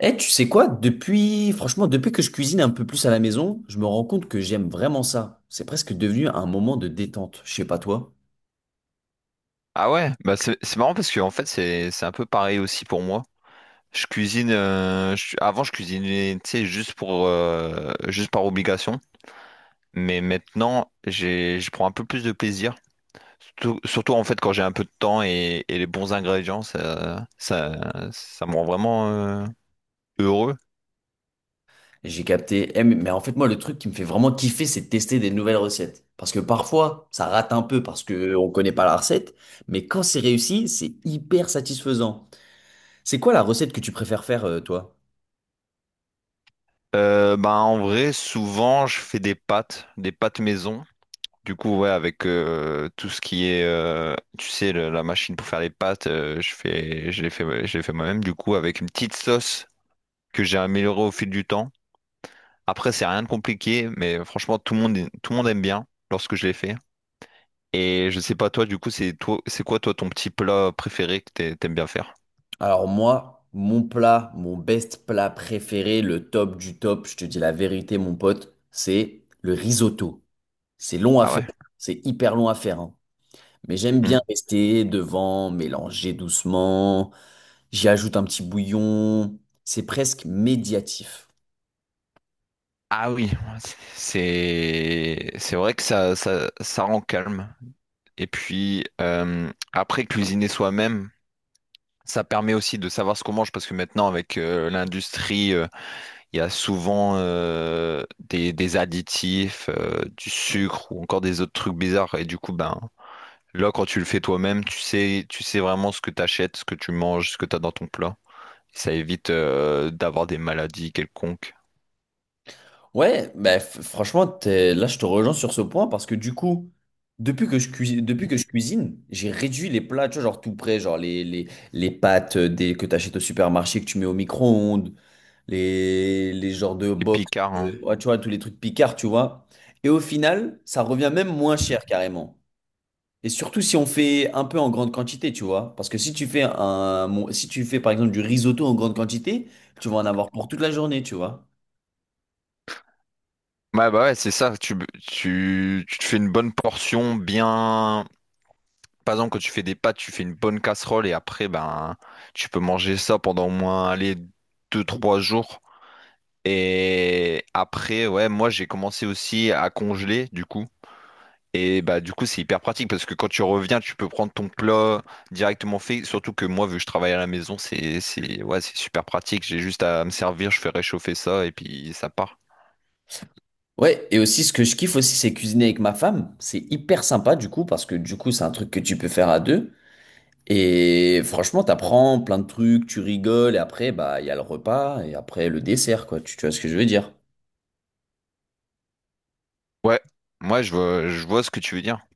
Eh, tu sais quoi? Depuis, franchement, depuis que je cuisine un peu plus à la maison, je me rends compte que j'aime vraiment ça. C'est presque devenu un moment de détente. Je sais pas toi. Ah ouais, bah c'est marrant parce que en fait c'est un peu pareil aussi pour moi. Je cuisine avant je cuisinais tu sais juste pour juste par obligation, mais maintenant j'ai je prends un peu plus de plaisir. Surtout, surtout, en fait quand j'ai un peu de temps et les bons ingrédients ça me rend vraiment heureux. J'ai capté. Eh, mais en fait, moi, le truc qui me fait vraiment kiffer, c'est de tester des nouvelles recettes. Parce que parfois, ça rate un peu parce que on connaît pas la recette. Mais quand c'est réussi, c'est hyper satisfaisant. C'est quoi la recette que tu préfères faire, toi? Bah en vrai souvent je fais des pâtes maison. Du coup, ouais, avec tout ce qui est, tu sais, la machine pour faire les pâtes, je fais, je l'ai fait moi-même, du coup, avec une petite sauce que j'ai améliorée au fil du temps. Après, c'est rien de compliqué, mais franchement, tout le monde aime bien lorsque je l'ai fait. Et je sais pas, toi, du coup, c'est quoi, toi, ton petit plat préféré que t'aimes bien faire? Alors moi, mon plat, mon best plat préféré, le top du top, je te dis la vérité, mon pote, c'est le risotto. C'est long à Ah faire. ouais. C'est hyper long à faire, hein. Mais j'aime Hmm. bien rester devant, mélanger doucement. J'y ajoute un petit bouillon. C'est presque médiatif. Ah oui, c'est, c'est vrai que ça rend calme. Et puis, après, cuisiner soi-même, ça permet aussi de savoir ce qu'on mange parce que maintenant, avec l'industrie, il y a souvent des additifs, du sucre ou encore des autres trucs bizarres. Et du coup, ben, là, quand tu le fais toi-même, tu sais vraiment ce que tu achètes, ce que tu manges, ce que tu as dans ton plat. Ça évite d'avoir des maladies quelconques. Ouais, bah, franchement, là, je te rejoins sur ce point parce que du coup, depuis que je cuisine, j'ai réduit les plats, tu vois, genre tout prêt, genre les pâtes que tu achètes au supermarché, que tu mets au micro-ondes, les genres de Et box, picard, hein. ouais, tu vois, tous les trucs picards, tu vois. Et au final, ça revient même moins cher carrément. Et surtout si on fait un peu en grande quantité, tu vois. Parce que si tu fais un, mon- si tu fais par exemple du risotto en grande quantité, tu vas en avoir pour toute la journée, tu vois. Ouais, bah ouais, c'est ça. Tu te fais une bonne portion bien. Par exemple, quand tu fais des pâtes, tu fais une bonne casserole et après, ben, tu peux manger ça pendant au moins, allez, deux trois jours. Et après, ouais, moi, j'ai commencé aussi à congeler, du coup. Et bah, du coup, c'est hyper pratique parce que quand tu reviens, tu peux prendre ton plat directement fait. Surtout que moi, vu que je travaille à la maison, ouais, c'est super pratique. J'ai juste à me servir, je fais réchauffer ça et puis ça part. Ouais, et aussi ce que je kiffe aussi, c'est cuisiner avec ma femme. C'est hyper sympa du coup, parce que du coup, c'est un truc que tu peux faire à deux. Et franchement, t'apprends plein de trucs, tu rigoles, et après, bah, il y a le repas, et après, le dessert, quoi. Tu vois ce que je veux dire? Ouais, moi, je vois ce que tu veux dire.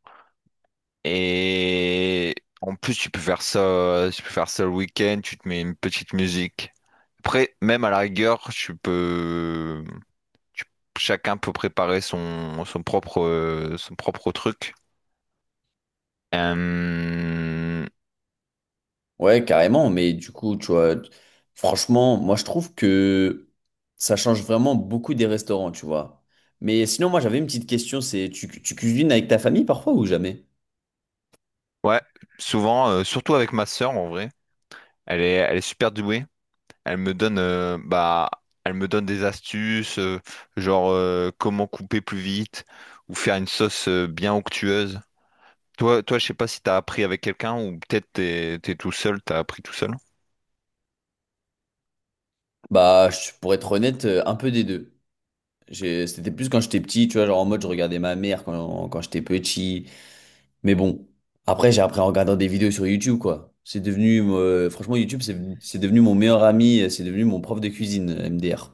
Et en plus, tu peux faire ça le week-end, tu te mets une petite musique. Après, même à la rigueur, tu- chacun peut préparer son propre truc. Euh, Ouais, carrément, mais du coup, tu vois, franchement, moi je trouve que ça change vraiment beaucoup des restaurants, tu vois. Mais sinon, moi j'avais une petite question, c'est tu cuisines avec ta famille parfois ou jamais? ouais, souvent, surtout avec ma sœur en vrai, elle est super douée. Elle me donne, bah, elle me donne des astuces, genre comment couper plus vite ou faire une sauce bien onctueuse. Toi, je sais pas si t'as appris avec quelqu'un ou peut-être t'es tout seul, t'as appris tout seul. Bah, pour être honnête, un peu des deux. C'était plus quand j'étais petit, tu vois, genre en mode je regardais ma mère quand j'étais petit. Mais bon, après j'ai appris en regardant des vidéos sur YouTube, quoi. C'est devenu, franchement, YouTube, c'est devenu mon meilleur ami, c'est devenu mon prof de cuisine, MDR.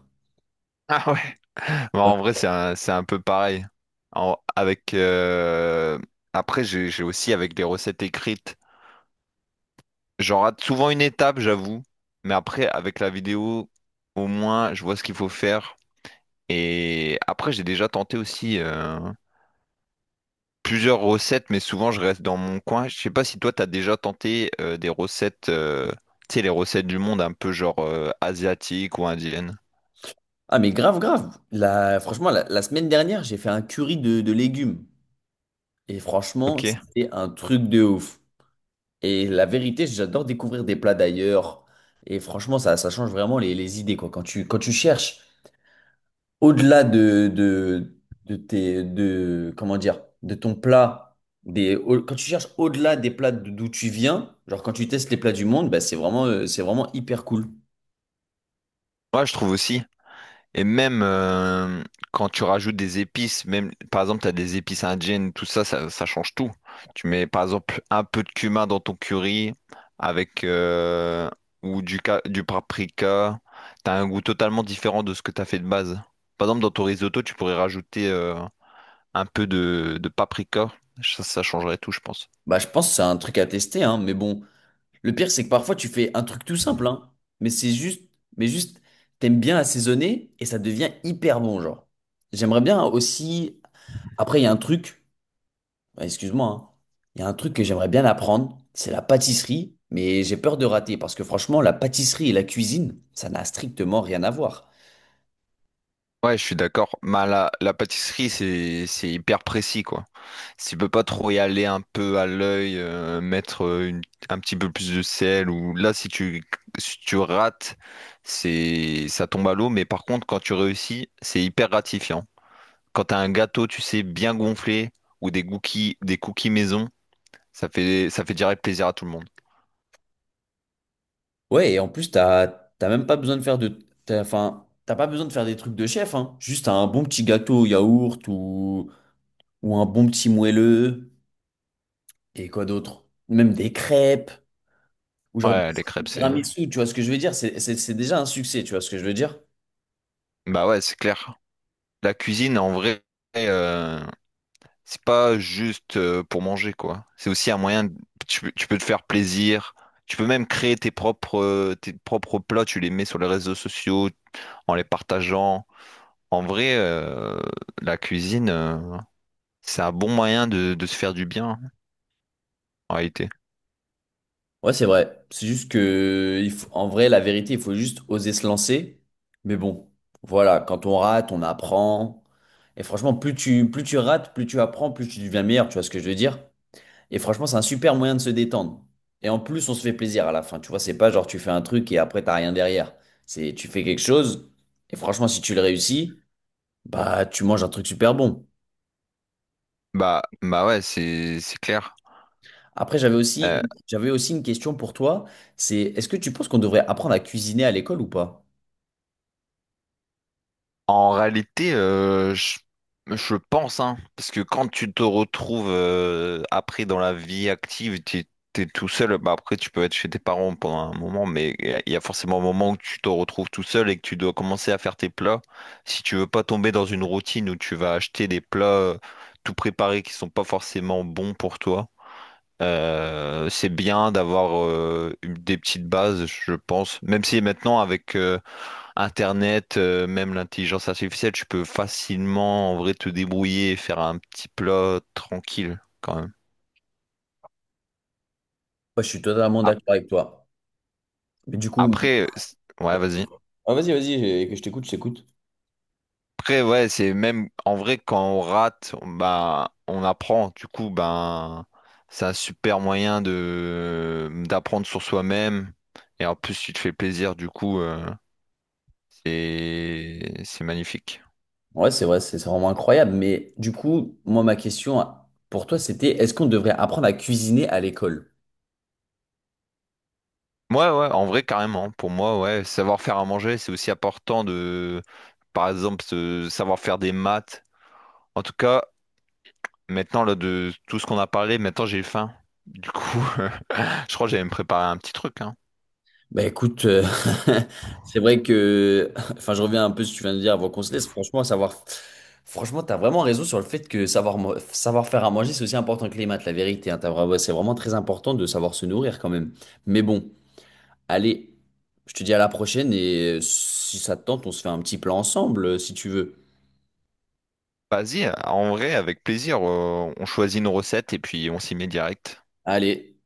Ah ouais. Bon, en vrai, c'est un peu pareil. Avec après, j'ai aussi avec les recettes écrites. J'en rate souvent une étape, j'avoue, mais après, avec la vidéo, au moins, je vois ce qu'il faut faire. Et après, j'ai déjà tenté aussi plusieurs recettes, mais souvent, je reste dans mon coin. Je sais pas si toi, t'as déjà tenté des recettes, tu sais, les recettes du monde un peu genre asiatiques ou indiennes. Ah mais grave grave. Franchement la semaine dernière j'ai fait un curry de légumes et franchement Ok. c'était un truc de ouf. Et la vérité j'adore découvrir des plats d'ailleurs et franchement ça change vraiment les idées quoi. Quand tu cherches au-delà de tes de comment dire de ton plat des au- quand tu cherches au-delà des plats d'où tu viens genre quand tu testes les plats du monde bah, c'est vraiment hyper cool. Moi je trouve aussi. Et même quand tu rajoutes des épices, même par exemple, tu as des épices indiennes, tout ça, ça change tout. Tu mets par exemple un peu de cumin dans ton curry avec ou du, du paprika. T'as un goût totalement différent de ce que t'as fait de base. Par exemple, dans ton risotto, tu pourrais rajouter un peu de paprika. Ça changerait tout, je pense. Bah je pense que c'est un truc à tester hein mais bon. Le pire, c'est que parfois tu fais un truc tout simple, hein, mais c'est juste, mais juste, t'aimes bien assaisonner et ça devient hyper bon, genre. J'aimerais bien aussi. Après, il y a un truc, bah, excuse-moi, hein. Il y a un truc que j'aimerais bien apprendre, c'est la pâtisserie, mais j'ai peur de rater parce que franchement, la pâtisserie et la cuisine, ça n'a strictement rien à voir. Ouais, je suis d'accord. Mais la pâtisserie, c'est hyper précis, quoi. Tu peux pas trop y aller un peu à l'œil, mettre un petit peu plus de sel, ou là, si tu rates, c'est, ça tombe à l'eau. Mais par contre, quand tu réussis, c'est hyper gratifiant. Quand t'as un gâteau, tu sais, bien gonflé, ou des cookies maison, ça fait direct plaisir à tout le monde. Ouais, et en plus, t'as même pas besoin de faire enfin, t'as pas besoin de faire des trucs de chef, hein. Juste un bon petit gâteau au yaourt ou un bon petit moelleux. Et quoi d'autre? Même des crêpes, ou genre des Ouais, les crêpes, c'est, tiramisu, tu vois ce que je veux dire? C'est déjà un succès, tu vois ce que je veux dire? bah ouais, c'est clair. La cuisine, en vrai, euh, c'est pas juste pour manger, quoi. C'est aussi un moyen, tu peux te faire plaisir. Tu peux même créer tes propres plats, tu les mets sur les réseaux sociaux en les partageant. En vrai, la cuisine, c'est un bon moyen de se faire du bien, en réalité. Ouais, c'est vrai. En vrai, la vérité, il faut juste oser se lancer. Mais bon, voilà, quand on rate, on apprend. Et franchement, plus tu rates, plus tu apprends, plus tu deviens meilleur, tu vois ce que je veux dire? Et franchement, c'est un super moyen de se détendre. Et en plus, on se fait plaisir à la fin, tu vois, c'est pas genre tu fais un truc et après, t'as rien derrière. C'est tu fais quelque chose, et franchement, si tu le réussis, bah, tu manges un truc super bon. Bah, bah ouais, c'est clair. Après, j'avais aussi une question pour toi. C'est, est-ce que tu penses qu'on devrait apprendre à cuisiner à l'école ou pas? En réalité, je pense, hein, parce que quand tu te retrouves après dans la vie active, tu es tout seul, bah après tu peux être chez tes parents pendant un moment, mais il y a forcément un moment où tu te retrouves tout seul et que tu dois commencer à faire tes plats. Si tu veux pas tomber dans une routine où tu vas acheter des plats tout préparés qui sont pas forcément bons pour toi. C'est bien d'avoir des petites bases, je pense. Même si maintenant avec Internet, même l'intelligence artificielle, tu peux facilement en vrai te débrouiller et faire un petit plat tranquille quand même. Ouais, je suis totalement d'accord Ap- avec toi. Mais du coup, Après, ouais, vas-y. ah, vas-y, que je t'écoute, je t'écoute. Après, ouais, c'est même en vrai quand on rate, bah, on apprend. Du coup, ben, c'est un super moyen de d'apprendre sur soi-même. Et en plus, tu te fais plaisir. Du coup, c'est magnifique. Ouais, c'est vrai, c'est vraiment incroyable. Mais du coup, moi, ma question pour toi, c'était, est-ce qu'on devrait apprendre à cuisiner à l'école? Ouais, ouais, en vrai, carrément. Pour moi, ouais, savoir faire à manger, c'est aussi important de, par exemple, savoir faire des maths. En tout cas, maintenant, là, de tout ce qu'on a parlé, maintenant, j'ai faim. Du coup, je crois que j'allais me préparer un petit truc, hein. Bah écoute, c'est vrai que, enfin je reviens un peu si tu viens de dire avant qu'on se laisse, franchement savoir, franchement t'as vraiment raison sur le fait que savoir faire à manger c'est aussi important que les maths, la vérité, hein, c'est vraiment très important de savoir se nourrir quand même. Mais bon, allez, je te dis à la prochaine et si ça te tente on se fait un petit plan ensemble si tu veux. Vas-y, en vrai, avec plaisir, on choisit nos recettes et puis on s'y met direct. Allez.